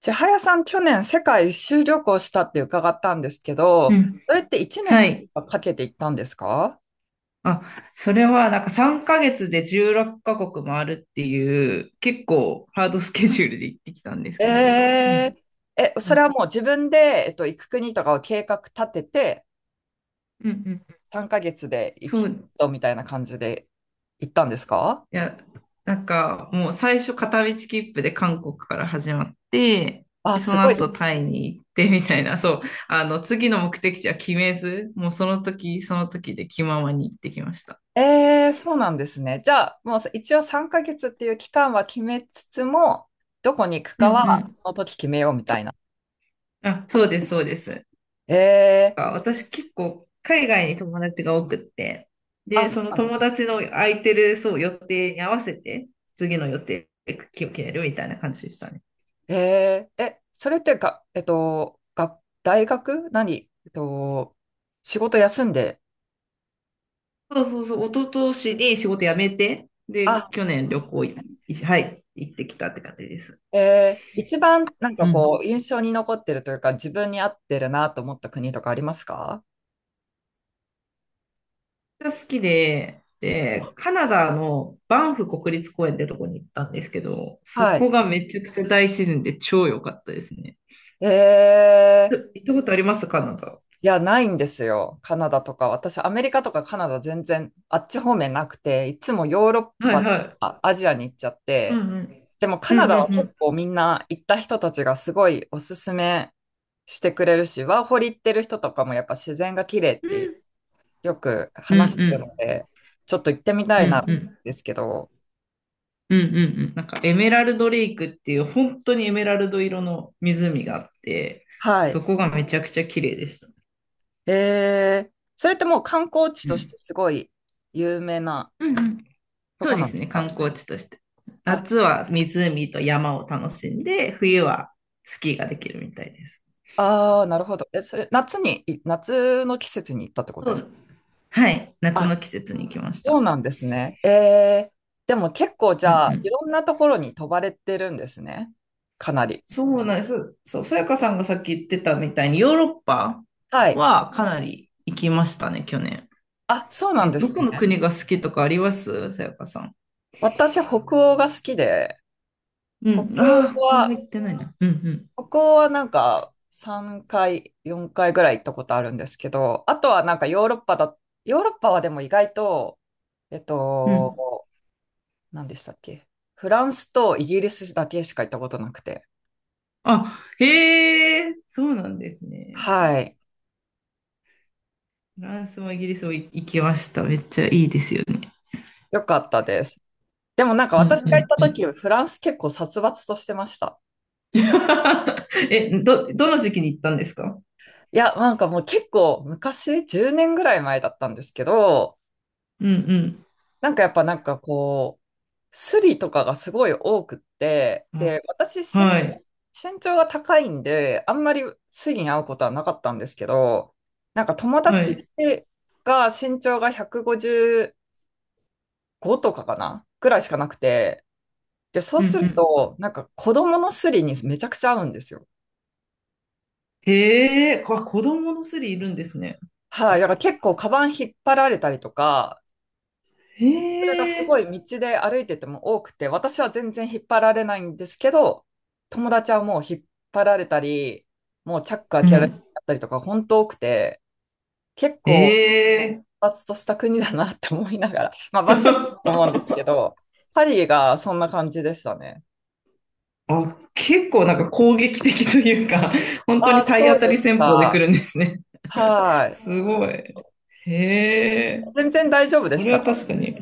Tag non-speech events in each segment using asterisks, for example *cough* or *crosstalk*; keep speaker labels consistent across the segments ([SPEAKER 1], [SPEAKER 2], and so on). [SPEAKER 1] 千早さん、去年世界一周旅行したって伺ったんですけ
[SPEAKER 2] う
[SPEAKER 1] ど、
[SPEAKER 2] ん。
[SPEAKER 1] それって1
[SPEAKER 2] は
[SPEAKER 1] 年
[SPEAKER 2] い。
[SPEAKER 1] かけて行ったんですか？
[SPEAKER 2] あ、それはなんか3ヶ月で16カ国もあるっていう結構ハードスケジュールで行ってきたんです
[SPEAKER 1] え
[SPEAKER 2] けど。うん
[SPEAKER 1] え、それはもう自分で、行く国とかを計画立てて、
[SPEAKER 2] うんうん。
[SPEAKER 1] 3ヶ月で行
[SPEAKER 2] そ
[SPEAKER 1] き
[SPEAKER 2] う、
[SPEAKER 1] そうみたいな感じで行ったんですか？
[SPEAKER 2] いや、なんかもう最初片道切符で韓国から始まって、
[SPEAKER 1] あ、
[SPEAKER 2] で、そ
[SPEAKER 1] す
[SPEAKER 2] の
[SPEAKER 1] ごい。
[SPEAKER 2] 後タイに行ってみたいな、そう、あの、次の目的地は決めず、もうその時その時で気ままに行ってきました。
[SPEAKER 1] ええ、そうなんですね。じゃあ、もう一応3ヶ月っていう期間は決めつつも、どこに行く
[SPEAKER 2] うん
[SPEAKER 1] か
[SPEAKER 2] う
[SPEAKER 1] は
[SPEAKER 2] ん。
[SPEAKER 1] その時決めようみたいな。
[SPEAKER 2] あ、そうです、そうです。
[SPEAKER 1] ええ。
[SPEAKER 2] 私結構海外に友達が多くって、
[SPEAKER 1] あ、
[SPEAKER 2] で、
[SPEAKER 1] そ
[SPEAKER 2] その
[SPEAKER 1] うなんで
[SPEAKER 2] 友
[SPEAKER 1] す。
[SPEAKER 2] 達の空いてる、そう、予定に合わせて、次の予定を決めるみたいな感じでしたね。
[SPEAKER 1] えー、え、それってが、えっと、が、大学何えっと、仕事休んで、
[SPEAKER 2] そうそうそう、一昨年に仕事辞めて、
[SPEAKER 1] あ、
[SPEAKER 2] で、去年旅行、はい、行ってきたって感じです。
[SPEAKER 1] えー、一番なん
[SPEAKER 2] う
[SPEAKER 1] かこう、
[SPEAKER 2] ん。
[SPEAKER 1] 印象に残ってるというか、自分に合ってるなと思った国とかありますか？
[SPEAKER 2] めっちゃ好きで、で、カナダのバンフ国立公園ってとこに行ったんですけど、そ
[SPEAKER 1] はい。
[SPEAKER 2] こがめちゃくちゃ大自然で超良かったですね。
[SPEAKER 1] えー、
[SPEAKER 2] え、行ったことありますカナダ。
[SPEAKER 1] いや、ないんですよ。カナダとか。私、アメリカとかカナダ全然、あっち方面なくて、いつもヨーロッ
[SPEAKER 2] は
[SPEAKER 1] パ
[SPEAKER 2] い
[SPEAKER 1] と
[SPEAKER 2] はい。
[SPEAKER 1] か、アジアに行っちゃっ
[SPEAKER 2] うん
[SPEAKER 1] て、
[SPEAKER 2] うん。
[SPEAKER 1] でもカ
[SPEAKER 2] う
[SPEAKER 1] ナ
[SPEAKER 2] ん
[SPEAKER 1] ダ
[SPEAKER 2] う
[SPEAKER 1] は
[SPEAKER 2] んう
[SPEAKER 1] 結
[SPEAKER 2] ん。
[SPEAKER 1] 構みんな行った人たちがすごいおすすめしてくれるし、ワーホリ行ってる人とかもやっぱ自然が綺麗っ
[SPEAKER 2] う
[SPEAKER 1] て
[SPEAKER 2] ん
[SPEAKER 1] よく
[SPEAKER 2] う
[SPEAKER 1] 話す
[SPEAKER 2] ん
[SPEAKER 1] ので、ちょっと行ってみた
[SPEAKER 2] うん
[SPEAKER 1] い
[SPEAKER 2] う
[SPEAKER 1] なん
[SPEAKER 2] んうん
[SPEAKER 1] ですけど、
[SPEAKER 2] うんうんうん、なんかエメラルドレイクっていう本当にエメラルド色の湖があって、
[SPEAKER 1] は
[SPEAKER 2] そ
[SPEAKER 1] い。
[SPEAKER 2] こがめちゃくちゃ綺麗でした。
[SPEAKER 1] えー、それってもう観光地
[SPEAKER 2] う
[SPEAKER 1] として
[SPEAKER 2] ん。
[SPEAKER 1] すごい有名な
[SPEAKER 2] うんうん。
[SPEAKER 1] と
[SPEAKER 2] そ
[SPEAKER 1] こ
[SPEAKER 2] うで
[SPEAKER 1] なんで
[SPEAKER 2] す
[SPEAKER 1] す
[SPEAKER 2] ね、
[SPEAKER 1] か？
[SPEAKER 2] 観光地として。
[SPEAKER 1] あ、
[SPEAKER 2] 夏は湖と山を楽しんで、冬はスキーができるみたいです。
[SPEAKER 1] あー、なるほど。え、それ夏に、夏の季節に行ったってこと
[SPEAKER 2] そ
[SPEAKER 1] ですか？
[SPEAKER 2] う。はい、夏
[SPEAKER 1] あ、
[SPEAKER 2] の季節に行きまし
[SPEAKER 1] そう
[SPEAKER 2] た。
[SPEAKER 1] なんですね。ええ、でも結構じ
[SPEAKER 2] うん
[SPEAKER 1] ゃあ、
[SPEAKER 2] う
[SPEAKER 1] い
[SPEAKER 2] ん。
[SPEAKER 1] ろんなところに飛ばれてるんですね。かなり。
[SPEAKER 2] そうなんです。そう、さやかさんがさっき言ってたみたいに、ヨーロッパ
[SPEAKER 1] はい。
[SPEAKER 2] はかなり行きましたね、去年。
[SPEAKER 1] あ、そうなん
[SPEAKER 2] え、
[SPEAKER 1] で
[SPEAKER 2] ど
[SPEAKER 1] す
[SPEAKER 2] こ
[SPEAKER 1] ね。
[SPEAKER 2] の国が好きとかありますさやかさん。
[SPEAKER 1] 私、北欧が好きで、
[SPEAKER 2] う
[SPEAKER 1] 北
[SPEAKER 2] ん。ああ、
[SPEAKER 1] 欧
[SPEAKER 2] ここは
[SPEAKER 1] は、
[SPEAKER 2] 行ってないな。うん
[SPEAKER 1] 北欧はなんか3回、4回ぐらい行ったことあるんですけど、あとはなんかヨーロッパだ、ヨーロッパはでも意外と、えっ
[SPEAKER 2] うん。うん。
[SPEAKER 1] と、何でしたっけ？フランスとイギリスだけしか行ったことなくて。
[SPEAKER 2] あ、へえ、そうなんですね。
[SPEAKER 1] はい。
[SPEAKER 2] フランスもイギリスも行きました。めっちゃいいですよね。
[SPEAKER 1] よかったです。でもなんか
[SPEAKER 2] うん
[SPEAKER 1] 私が行っ
[SPEAKER 2] う
[SPEAKER 1] た
[SPEAKER 2] んう
[SPEAKER 1] 時、
[SPEAKER 2] ん。
[SPEAKER 1] フランス結構殺伐としてました。
[SPEAKER 2] *laughs* え、どの時期に行ったんですか。
[SPEAKER 1] いや、なんかもう結構昔、10年ぐらい前だったんですけど、
[SPEAKER 2] うん
[SPEAKER 1] なんかやっぱなんかこう、スリとかがすごい多くって、
[SPEAKER 2] うん。
[SPEAKER 1] で、
[SPEAKER 2] あ、はい。
[SPEAKER 1] 身長が高いんで、あんまりスリに会うことはなかったんですけど、なんか友
[SPEAKER 2] は
[SPEAKER 1] 達
[SPEAKER 2] い。
[SPEAKER 1] が身長が155とかかなぐらいしかなくて、で、そう
[SPEAKER 2] う
[SPEAKER 1] す
[SPEAKER 2] んう
[SPEAKER 1] る
[SPEAKER 2] ん。
[SPEAKER 1] と、なんか子供のスリにめちゃくちゃ合うんですよ。
[SPEAKER 2] へえ、子供のスリいるんですね。
[SPEAKER 1] はい、だから結構カバン引っ張られたりとか、それが
[SPEAKER 2] え
[SPEAKER 1] すご
[SPEAKER 2] え。
[SPEAKER 1] い道で歩いてても多くて、私は全然引っ張られないんですけど、友達はもう引っ張られたり、もうチャック開
[SPEAKER 2] う
[SPEAKER 1] けられ
[SPEAKER 2] ん。
[SPEAKER 1] たりとか、本当多くて、結
[SPEAKER 2] え
[SPEAKER 1] 構
[SPEAKER 2] え。
[SPEAKER 1] 発達とした国だなって思いながら、*laughs* まあ場所によると思うんで
[SPEAKER 2] *laughs*
[SPEAKER 1] すけど、パリがそんな感じでしたね。
[SPEAKER 2] あ、結構なんか攻撃的というか、本当
[SPEAKER 1] ああ、
[SPEAKER 2] に
[SPEAKER 1] そ
[SPEAKER 2] 体
[SPEAKER 1] う
[SPEAKER 2] 当た
[SPEAKER 1] で
[SPEAKER 2] り
[SPEAKER 1] す
[SPEAKER 2] 戦法で来
[SPEAKER 1] か。
[SPEAKER 2] るんですね。
[SPEAKER 1] は
[SPEAKER 2] *laughs*
[SPEAKER 1] い。
[SPEAKER 2] すごい。へえ。
[SPEAKER 1] 全然大丈夫で
[SPEAKER 2] そ
[SPEAKER 1] し
[SPEAKER 2] れ
[SPEAKER 1] た
[SPEAKER 2] は
[SPEAKER 1] か？
[SPEAKER 2] 確かに。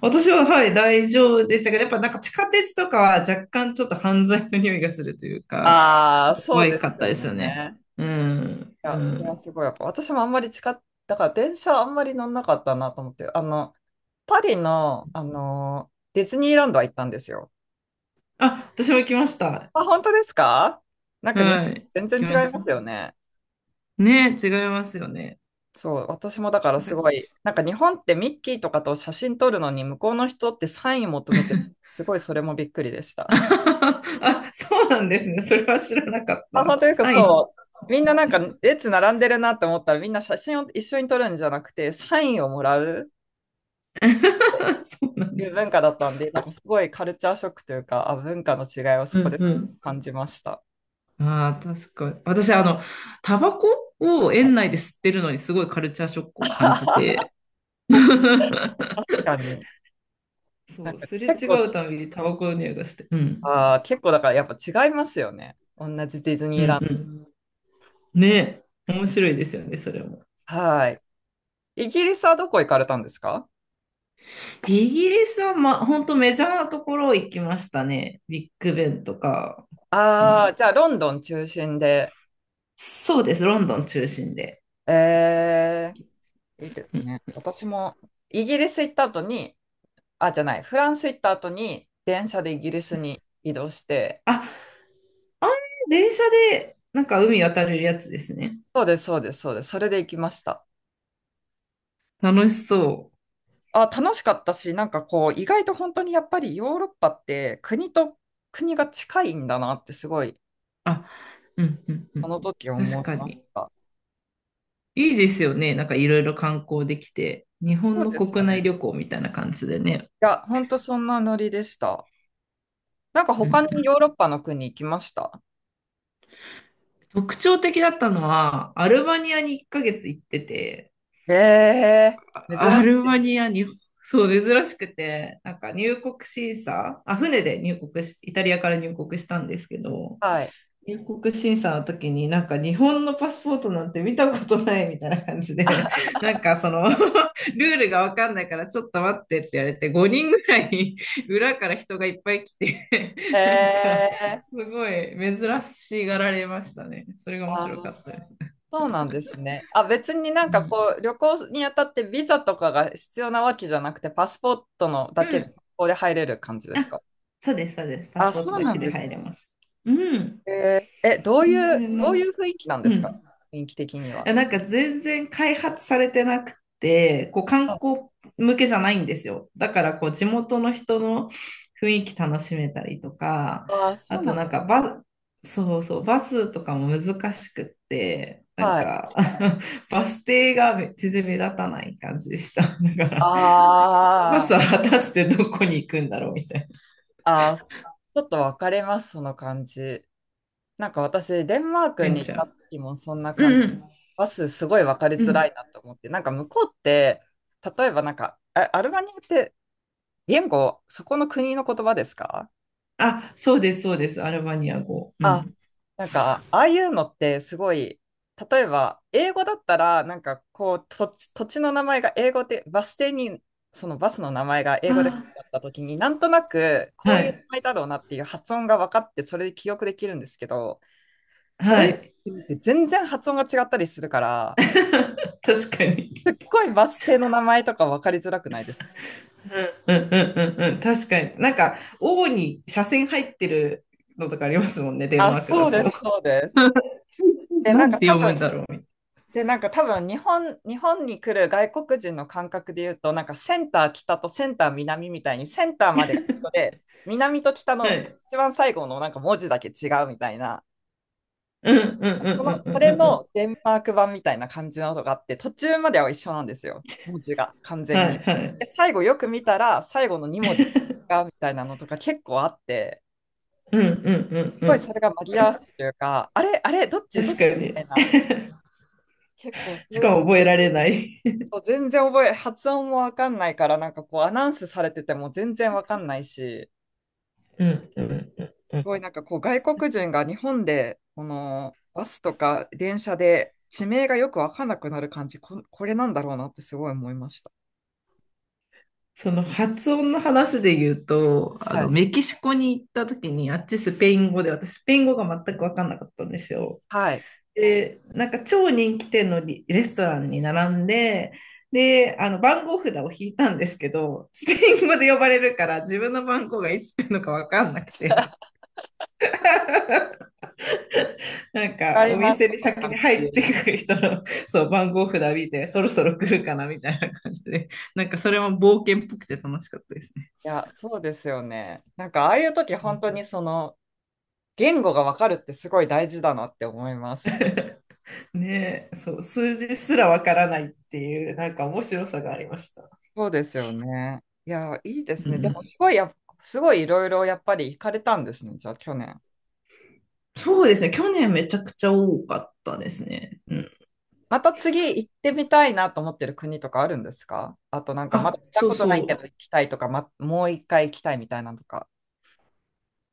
[SPEAKER 2] 私は、はい、大丈夫でしたけど、やっぱなんか地下鉄とかは若干ちょっと犯罪の匂いがするというか、
[SPEAKER 1] あ
[SPEAKER 2] ち
[SPEAKER 1] あ、
[SPEAKER 2] ょっと
[SPEAKER 1] そう
[SPEAKER 2] 怖
[SPEAKER 1] です
[SPEAKER 2] かった
[SPEAKER 1] よ
[SPEAKER 2] ですよね。
[SPEAKER 1] ね。
[SPEAKER 2] うん、
[SPEAKER 1] い
[SPEAKER 2] う
[SPEAKER 1] や、それは
[SPEAKER 2] ん。
[SPEAKER 1] すごいやっぱ私もあんまり近っ、だから電車あんまり乗んなかったなと思って、パリの、ディズニーランドは行ったんですよ。
[SPEAKER 2] あ、私も来ました。
[SPEAKER 1] あ、本当ですか？なんか日
[SPEAKER 2] はい、
[SPEAKER 1] 本、全
[SPEAKER 2] 来ま
[SPEAKER 1] 然違い
[SPEAKER 2] し
[SPEAKER 1] ま
[SPEAKER 2] た。
[SPEAKER 1] すよね。
[SPEAKER 2] ね、違いますよね。
[SPEAKER 1] そう、私もだから
[SPEAKER 2] なん
[SPEAKER 1] す
[SPEAKER 2] か。
[SPEAKER 1] ごい、なんか日本ってミッキーとかと写真撮るのに向こうの人ってサイン求めて、すごいそれもびっくりでし
[SPEAKER 2] *laughs*
[SPEAKER 1] た。
[SPEAKER 2] あ、そうなんですね。それは知らなかっ
[SPEAKER 1] あ、
[SPEAKER 2] た。
[SPEAKER 1] 本当よく
[SPEAKER 2] サイン。
[SPEAKER 1] そう。みんななんか列並んでるなって思ったらみんな写真を一緒に撮るんじゃなくてサインをもらう。
[SPEAKER 2] *laughs* そうな
[SPEAKER 1] い
[SPEAKER 2] ん
[SPEAKER 1] う
[SPEAKER 2] だ。
[SPEAKER 1] 文化だったんで、なんかすごいカルチャーショックというか、あ、文化の違いを
[SPEAKER 2] う
[SPEAKER 1] そこ
[SPEAKER 2] ん
[SPEAKER 1] で
[SPEAKER 2] う
[SPEAKER 1] 感じました。
[SPEAKER 2] ん。ああ、確かに。私、あの、タバコを園内で吸ってるのにすごいカルチャーショックを感じて。
[SPEAKER 1] *laughs* 確
[SPEAKER 2] *laughs*
[SPEAKER 1] かに。な
[SPEAKER 2] そ
[SPEAKER 1] ん
[SPEAKER 2] う、
[SPEAKER 1] か
[SPEAKER 2] すれ
[SPEAKER 1] 結
[SPEAKER 2] 違
[SPEAKER 1] 構、
[SPEAKER 2] うたびにタバコの匂いがして。うん。
[SPEAKER 1] あー、結構だからやっぱ違いますよね。同じディズ
[SPEAKER 2] う
[SPEAKER 1] ニ
[SPEAKER 2] ん
[SPEAKER 1] ー
[SPEAKER 2] う
[SPEAKER 1] ラン
[SPEAKER 2] ん。ねえ。面白いですよね、それも。
[SPEAKER 1] ド。はい。イギリスはどこ行かれたんですか？
[SPEAKER 2] イギリスは、ま、本当メジャーなところ行きましたね。ビッグベンとか。う
[SPEAKER 1] ああ
[SPEAKER 2] ん。
[SPEAKER 1] ー、じゃあロンドン中心で。
[SPEAKER 2] そうです、ロンドン中心で。
[SPEAKER 1] えー、いいですね。私もイギリス行った後に、あ、じゃない、フランス行った後に電車でイギリスに移動して、
[SPEAKER 2] あ、あん電車で、なんか海渡れるやつですね。
[SPEAKER 1] そうです、そうです、そうです。それで行きました。
[SPEAKER 2] 楽しそう。
[SPEAKER 1] あ、楽しかったし、なんかこう、意外と本当にやっぱりヨーロッパって国と国が近いんだなってすごい、
[SPEAKER 2] あ、うん、うん、う
[SPEAKER 1] あ
[SPEAKER 2] ん。
[SPEAKER 1] の時思
[SPEAKER 2] 確
[SPEAKER 1] い
[SPEAKER 2] か
[SPEAKER 1] まし
[SPEAKER 2] に。
[SPEAKER 1] た。
[SPEAKER 2] いいですよね。なんかいろいろ観光できて。日
[SPEAKER 1] そ
[SPEAKER 2] 本
[SPEAKER 1] う
[SPEAKER 2] の
[SPEAKER 1] でした
[SPEAKER 2] 国内
[SPEAKER 1] ね。
[SPEAKER 2] 旅行みたいな感じでね。
[SPEAKER 1] いや、本当そんなノリでした。なんか
[SPEAKER 2] うん
[SPEAKER 1] 他
[SPEAKER 2] う
[SPEAKER 1] にヨ
[SPEAKER 2] ん。
[SPEAKER 1] ーロッパの国行きました？
[SPEAKER 2] 特徴的だったのは、アルバニアに1ヶ月行ってて、
[SPEAKER 1] え
[SPEAKER 2] あ
[SPEAKER 1] ー、珍
[SPEAKER 2] ア
[SPEAKER 1] し
[SPEAKER 2] ル
[SPEAKER 1] い。
[SPEAKER 2] バニアに、そう、珍しくて、なんか入国審査、あ、船で入国し、イタリアから入国したんですけど、
[SPEAKER 1] はい。
[SPEAKER 2] 入国審査の時になんか日本のパスポートなんて見たことないみたいな感じで、*laughs* なんかその *laughs* ルールがわかんないからちょっと待ってって言われて5人ぐらい裏から人がいっぱい来て、 *laughs* なんか
[SPEAKER 1] えー、
[SPEAKER 2] すごい珍しがられましたね。それが面
[SPEAKER 1] あ、
[SPEAKER 2] 白かったですね。
[SPEAKER 1] そうなんですね。あ、別にな
[SPEAKER 2] う
[SPEAKER 1] んか
[SPEAKER 2] ん。
[SPEAKER 1] こう、旅行にあたってビザとかが必要なわけじゃなくて、パスポートのだ
[SPEAKER 2] う
[SPEAKER 1] けで、
[SPEAKER 2] ん。
[SPEAKER 1] ここで入れる感じです
[SPEAKER 2] あ、
[SPEAKER 1] か？
[SPEAKER 2] そうです、そうです。パス
[SPEAKER 1] あ、
[SPEAKER 2] ポート
[SPEAKER 1] そう
[SPEAKER 2] だ
[SPEAKER 1] な
[SPEAKER 2] け
[SPEAKER 1] ん
[SPEAKER 2] で
[SPEAKER 1] です
[SPEAKER 2] 入
[SPEAKER 1] ね。
[SPEAKER 2] れます。うん。
[SPEAKER 1] えー、え、
[SPEAKER 2] 全然な
[SPEAKER 1] どう
[SPEAKER 2] ん
[SPEAKER 1] いう
[SPEAKER 2] か、
[SPEAKER 1] 雰囲気なんで
[SPEAKER 2] う
[SPEAKER 1] すか？
[SPEAKER 2] ん。
[SPEAKER 1] 雰囲気的には。
[SPEAKER 2] やなんか全然開発されてなくて、こう観
[SPEAKER 1] あ、
[SPEAKER 2] 光向けじゃないんですよ。だからこう地元の人の雰囲気楽しめたりとか、
[SPEAKER 1] あー、そ
[SPEAKER 2] あ
[SPEAKER 1] う
[SPEAKER 2] と
[SPEAKER 1] なん
[SPEAKER 2] な
[SPEAKER 1] で
[SPEAKER 2] んか
[SPEAKER 1] す。
[SPEAKER 2] そうそう、バスとかも難しくって、なん
[SPEAKER 1] はい。
[SPEAKER 2] か *laughs* バス停が全然目立たない感じでした。*laughs* だか
[SPEAKER 1] あ
[SPEAKER 2] ら、なんかこのバス
[SPEAKER 1] ー
[SPEAKER 2] は果たしてどこに行くんだろうみたいな。
[SPEAKER 1] あー、ちょっと分かれます、その感じ。なんか私、デンマーク
[SPEAKER 2] ベン
[SPEAKER 1] に行
[SPEAKER 2] チ
[SPEAKER 1] っ
[SPEAKER 2] ャ
[SPEAKER 1] た
[SPEAKER 2] ー。
[SPEAKER 1] 時もそんな感じ。
[SPEAKER 2] うん
[SPEAKER 1] バスすごい分かり
[SPEAKER 2] うん。う
[SPEAKER 1] づら
[SPEAKER 2] ん。
[SPEAKER 1] いなと思って、なんか向こうって、例えばなんか、あアルバニアって言語、そこの国の言葉ですか？
[SPEAKER 2] あ、そうです、そうです。アルバニア語。う
[SPEAKER 1] あ、
[SPEAKER 2] ん。
[SPEAKER 1] なんか、ああいうのってすごい、例えば、英語だったら、なんかこう、土地の名前が英語で、バス停に、そのバスの名前が英語で書い
[SPEAKER 2] あ、
[SPEAKER 1] てあった時に、なんとなく、こ
[SPEAKER 2] は
[SPEAKER 1] ういう
[SPEAKER 2] い。
[SPEAKER 1] 名前だろうなっていう発音が分かって、それで記憶できるんですけど、そ
[SPEAKER 2] は
[SPEAKER 1] れっ
[SPEAKER 2] い。
[SPEAKER 1] て全然発音が違ったりするから、
[SPEAKER 2] *laughs* 確かに。
[SPEAKER 1] すっごいバス停の名前とか分かりづらくないですか？
[SPEAKER 2] うんうんうんうん。確かに。なんか、王に斜線入ってるのとかありますもんね、デン
[SPEAKER 1] あ、
[SPEAKER 2] マーク
[SPEAKER 1] そ
[SPEAKER 2] だ
[SPEAKER 1] うで
[SPEAKER 2] と。
[SPEAKER 1] す、そうです。
[SPEAKER 2] *laughs*。
[SPEAKER 1] え、
[SPEAKER 2] な
[SPEAKER 1] なん
[SPEAKER 2] ん
[SPEAKER 1] か
[SPEAKER 2] て
[SPEAKER 1] 多
[SPEAKER 2] 読むん
[SPEAKER 1] 分、
[SPEAKER 2] だろ
[SPEAKER 1] で、なんか多分日本に来る外国人の感覚で言うと、なんかセンター北とセンター南みたいに、センターまでが一緒で、南と北
[SPEAKER 2] う。は
[SPEAKER 1] の
[SPEAKER 2] い。
[SPEAKER 1] 一番最後のなんか文字だけ違うみたいな、
[SPEAKER 2] うんうんうんうん
[SPEAKER 1] そ
[SPEAKER 2] う
[SPEAKER 1] れ
[SPEAKER 2] んうん。
[SPEAKER 1] のデンマーク版みたいな感じの音があって、途中までは一緒なんですよ、文字が完全
[SPEAKER 2] は
[SPEAKER 1] に。
[SPEAKER 2] いはい。
[SPEAKER 1] で、最後よく見たら、最後の2文字がみたいなのとか結構あって、
[SPEAKER 2] うんうん
[SPEAKER 1] す
[SPEAKER 2] う
[SPEAKER 1] ごいそ
[SPEAKER 2] ん
[SPEAKER 1] れが紛らわしいというか、あれ、あれ、
[SPEAKER 2] うん。
[SPEAKER 1] どっ
[SPEAKER 2] 確
[SPEAKER 1] ちみ
[SPEAKER 2] か
[SPEAKER 1] た
[SPEAKER 2] に。
[SPEAKER 1] いな、結構そ
[SPEAKER 2] し
[SPEAKER 1] ういう
[SPEAKER 2] か
[SPEAKER 1] の
[SPEAKER 2] も
[SPEAKER 1] が
[SPEAKER 2] 覚えられない。
[SPEAKER 1] そう全然覚え、*laughs* 発音もわかんないから、なんかこうアナウンスされてても全然わかんないし、
[SPEAKER 2] *laughs*。うんうんうんう
[SPEAKER 1] す
[SPEAKER 2] ん。
[SPEAKER 1] ごいなんかこう外国人が日本で、このバスとか電車で地名がよくわかんなくなる感じ、これなんだろうなってすごい思いました。
[SPEAKER 2] その発音の話で言うと、あ
[SPEAKER 1] は
[SPEAKER 2] の、
[SPEAKER 1] い。
[SPEAKER 2] メキシコに行った時に、あっちスペイン語で、私スペイン語が全く分かんなかったんですよ。
[SPEAKER 1] はい。わ
[SPEAKER 2] で、なんか超人気店のレストランに並んで、で、あの番号札を引いたんですけど、スペイン語で呼ばれるから自分の番号がいつ来るのか分かんなくて、なん
[SPEAKER 1] か
[SPEAKER 2] か
[SPEAKER 1] り
[SPEAKER 2] お
[SPEAKER 1] ます、
[SPEAKER 2] 店
[SPEAKER 1] そ
[SPEAKER 2] に
[SPEAKER 1] の
[SPEAKER 2] 先に
[SPEAKER 1] 感じ。
[SPEAKER 2] 入って
[SPEAKER 1] い
[SPEAKER 2] くる人の、そう、番号札見て、そろそろ来るかなみたいな感じで、なんかそれも冒険っぽくて楽しかったですね。
[SPEAKER 1] や、そうですよね。なんかああいう時本当にその言語がわかるってすごい大事だなって思います。
[SPEAKER 2] *laughs* ねえ、そう、数字すらわからないっていう、なんか面白さがありました。
[SPEAKER 1] そうですよね。いや、いいです
[SPEAKER 2] う
[SPEAKER 1] ね。でも、
[SPEAKER 2] ん、
[SPEAKER 1] すごいいろいろやっぱり行かれたんですね、じゃあ、去年。
[SPEAKER 2] そうですね。去年めちゃくちゃ多かったですね。うん。
[SPEAKER 1] また次行ってみたいなと思ってる国とかあるんですか？あと、なんか、まだ
[SPEAKER 2] あ、
[SPEAKER 1] 行った
[SPEAKER 2] そう
[SPEAKER 1] ことないけど
[SPEAKER 2] そ
[SPEAKER 1] 行きたいとか、ま、もう一回行きたいみたいなのとか。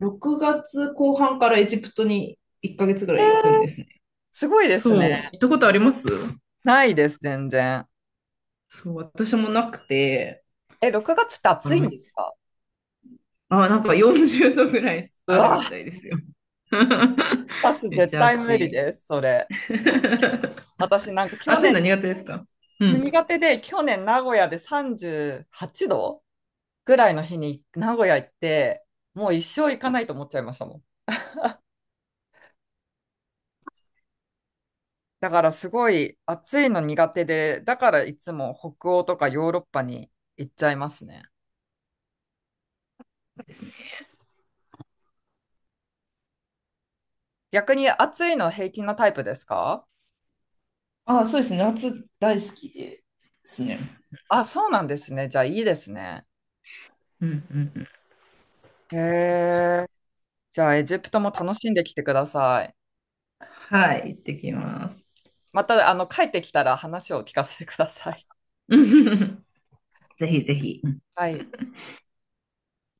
[SPEAKER 2] う。6月後半からエジプトに1ヶ月ぐら
[SPEAKER 1] えー、
[SPEAKER 2] い行くんですね。
[SPEAKER 1] すごいで
[SPEAKER 2] そ
[SPEAKER 1] す
[SPEAKER 2] う。行
[SPEAKER 1] ね。
[SPEAKER 2] ったことあります
[SPEAKER 1] ないです、全然。
[SPEAKER 2] そう、私もなくて。
[SPEAKER 1] え、6月って
[SPEAKER 2] あ
[SPEAKER 1] 暑
[SPEAKER 2] ら、
[SPEAKER 1] いん
[SPEAKER 2] めっ
[SPEAKER 1] です
[SPEAKER 2] ち
[SPEAKER 1] か？
[SPEAKER 2] ゃ、あ、なんか40度ぐらい
[SPEAKER 1] う
[SPEAKER 2] ある
[SPEAKER 1] わ、
[SPEAKER 2] みたいですよ。
[SPEAKER 1] 私
[SPEAKER 2] *laughs* めっち
[SPEAKER 1] 絶
[SPEAKER 2] ゃ
[SPEAKER 1] 対
[SPEAKER 2] 暑
[SPEAKER 1] 無理
[SPEAKER 2] い。
[SPEAKER 1] です、それ。
[SPEAKER 2] *laughs*
[SPEAKER 1] 私なんか去
[SPEAKER 2] 暑いの
[SPEAKER 1] 年、
[SPEAKER 2] 苦手ですか。うん。
[SPEAKER 1] 苦手で、去年名古屋で38度ぐらいの日に名古屋行って、もう一生行かないと思っちゃいましたもん。だからすごい暑いの苦手で、だからいつも北欧とかヨーロッパに行っちゃいますね。
[SPEAKER 2] ですね。
[SPEAKER 1] 逆に暑いの平均のタイプですか？
[SPEAKER 2] あ、そうですね。夏大好きですね。
[SPEAKER 1] あ、そうなんですね。じゃあいいですね。
[SPEAKER 2] うんうんうん。
[SPEAKER 1] へえ。じゃあエジプトも楽しんできてください。
[SPEAKER 2] はい、行ってきます。*laughs*
[SPEAKER 1] また、あの、帰ってきたら話を聞かせてください。
[SPEAKER 2] ぜひぜひ。
[SPEAKER 1] はい。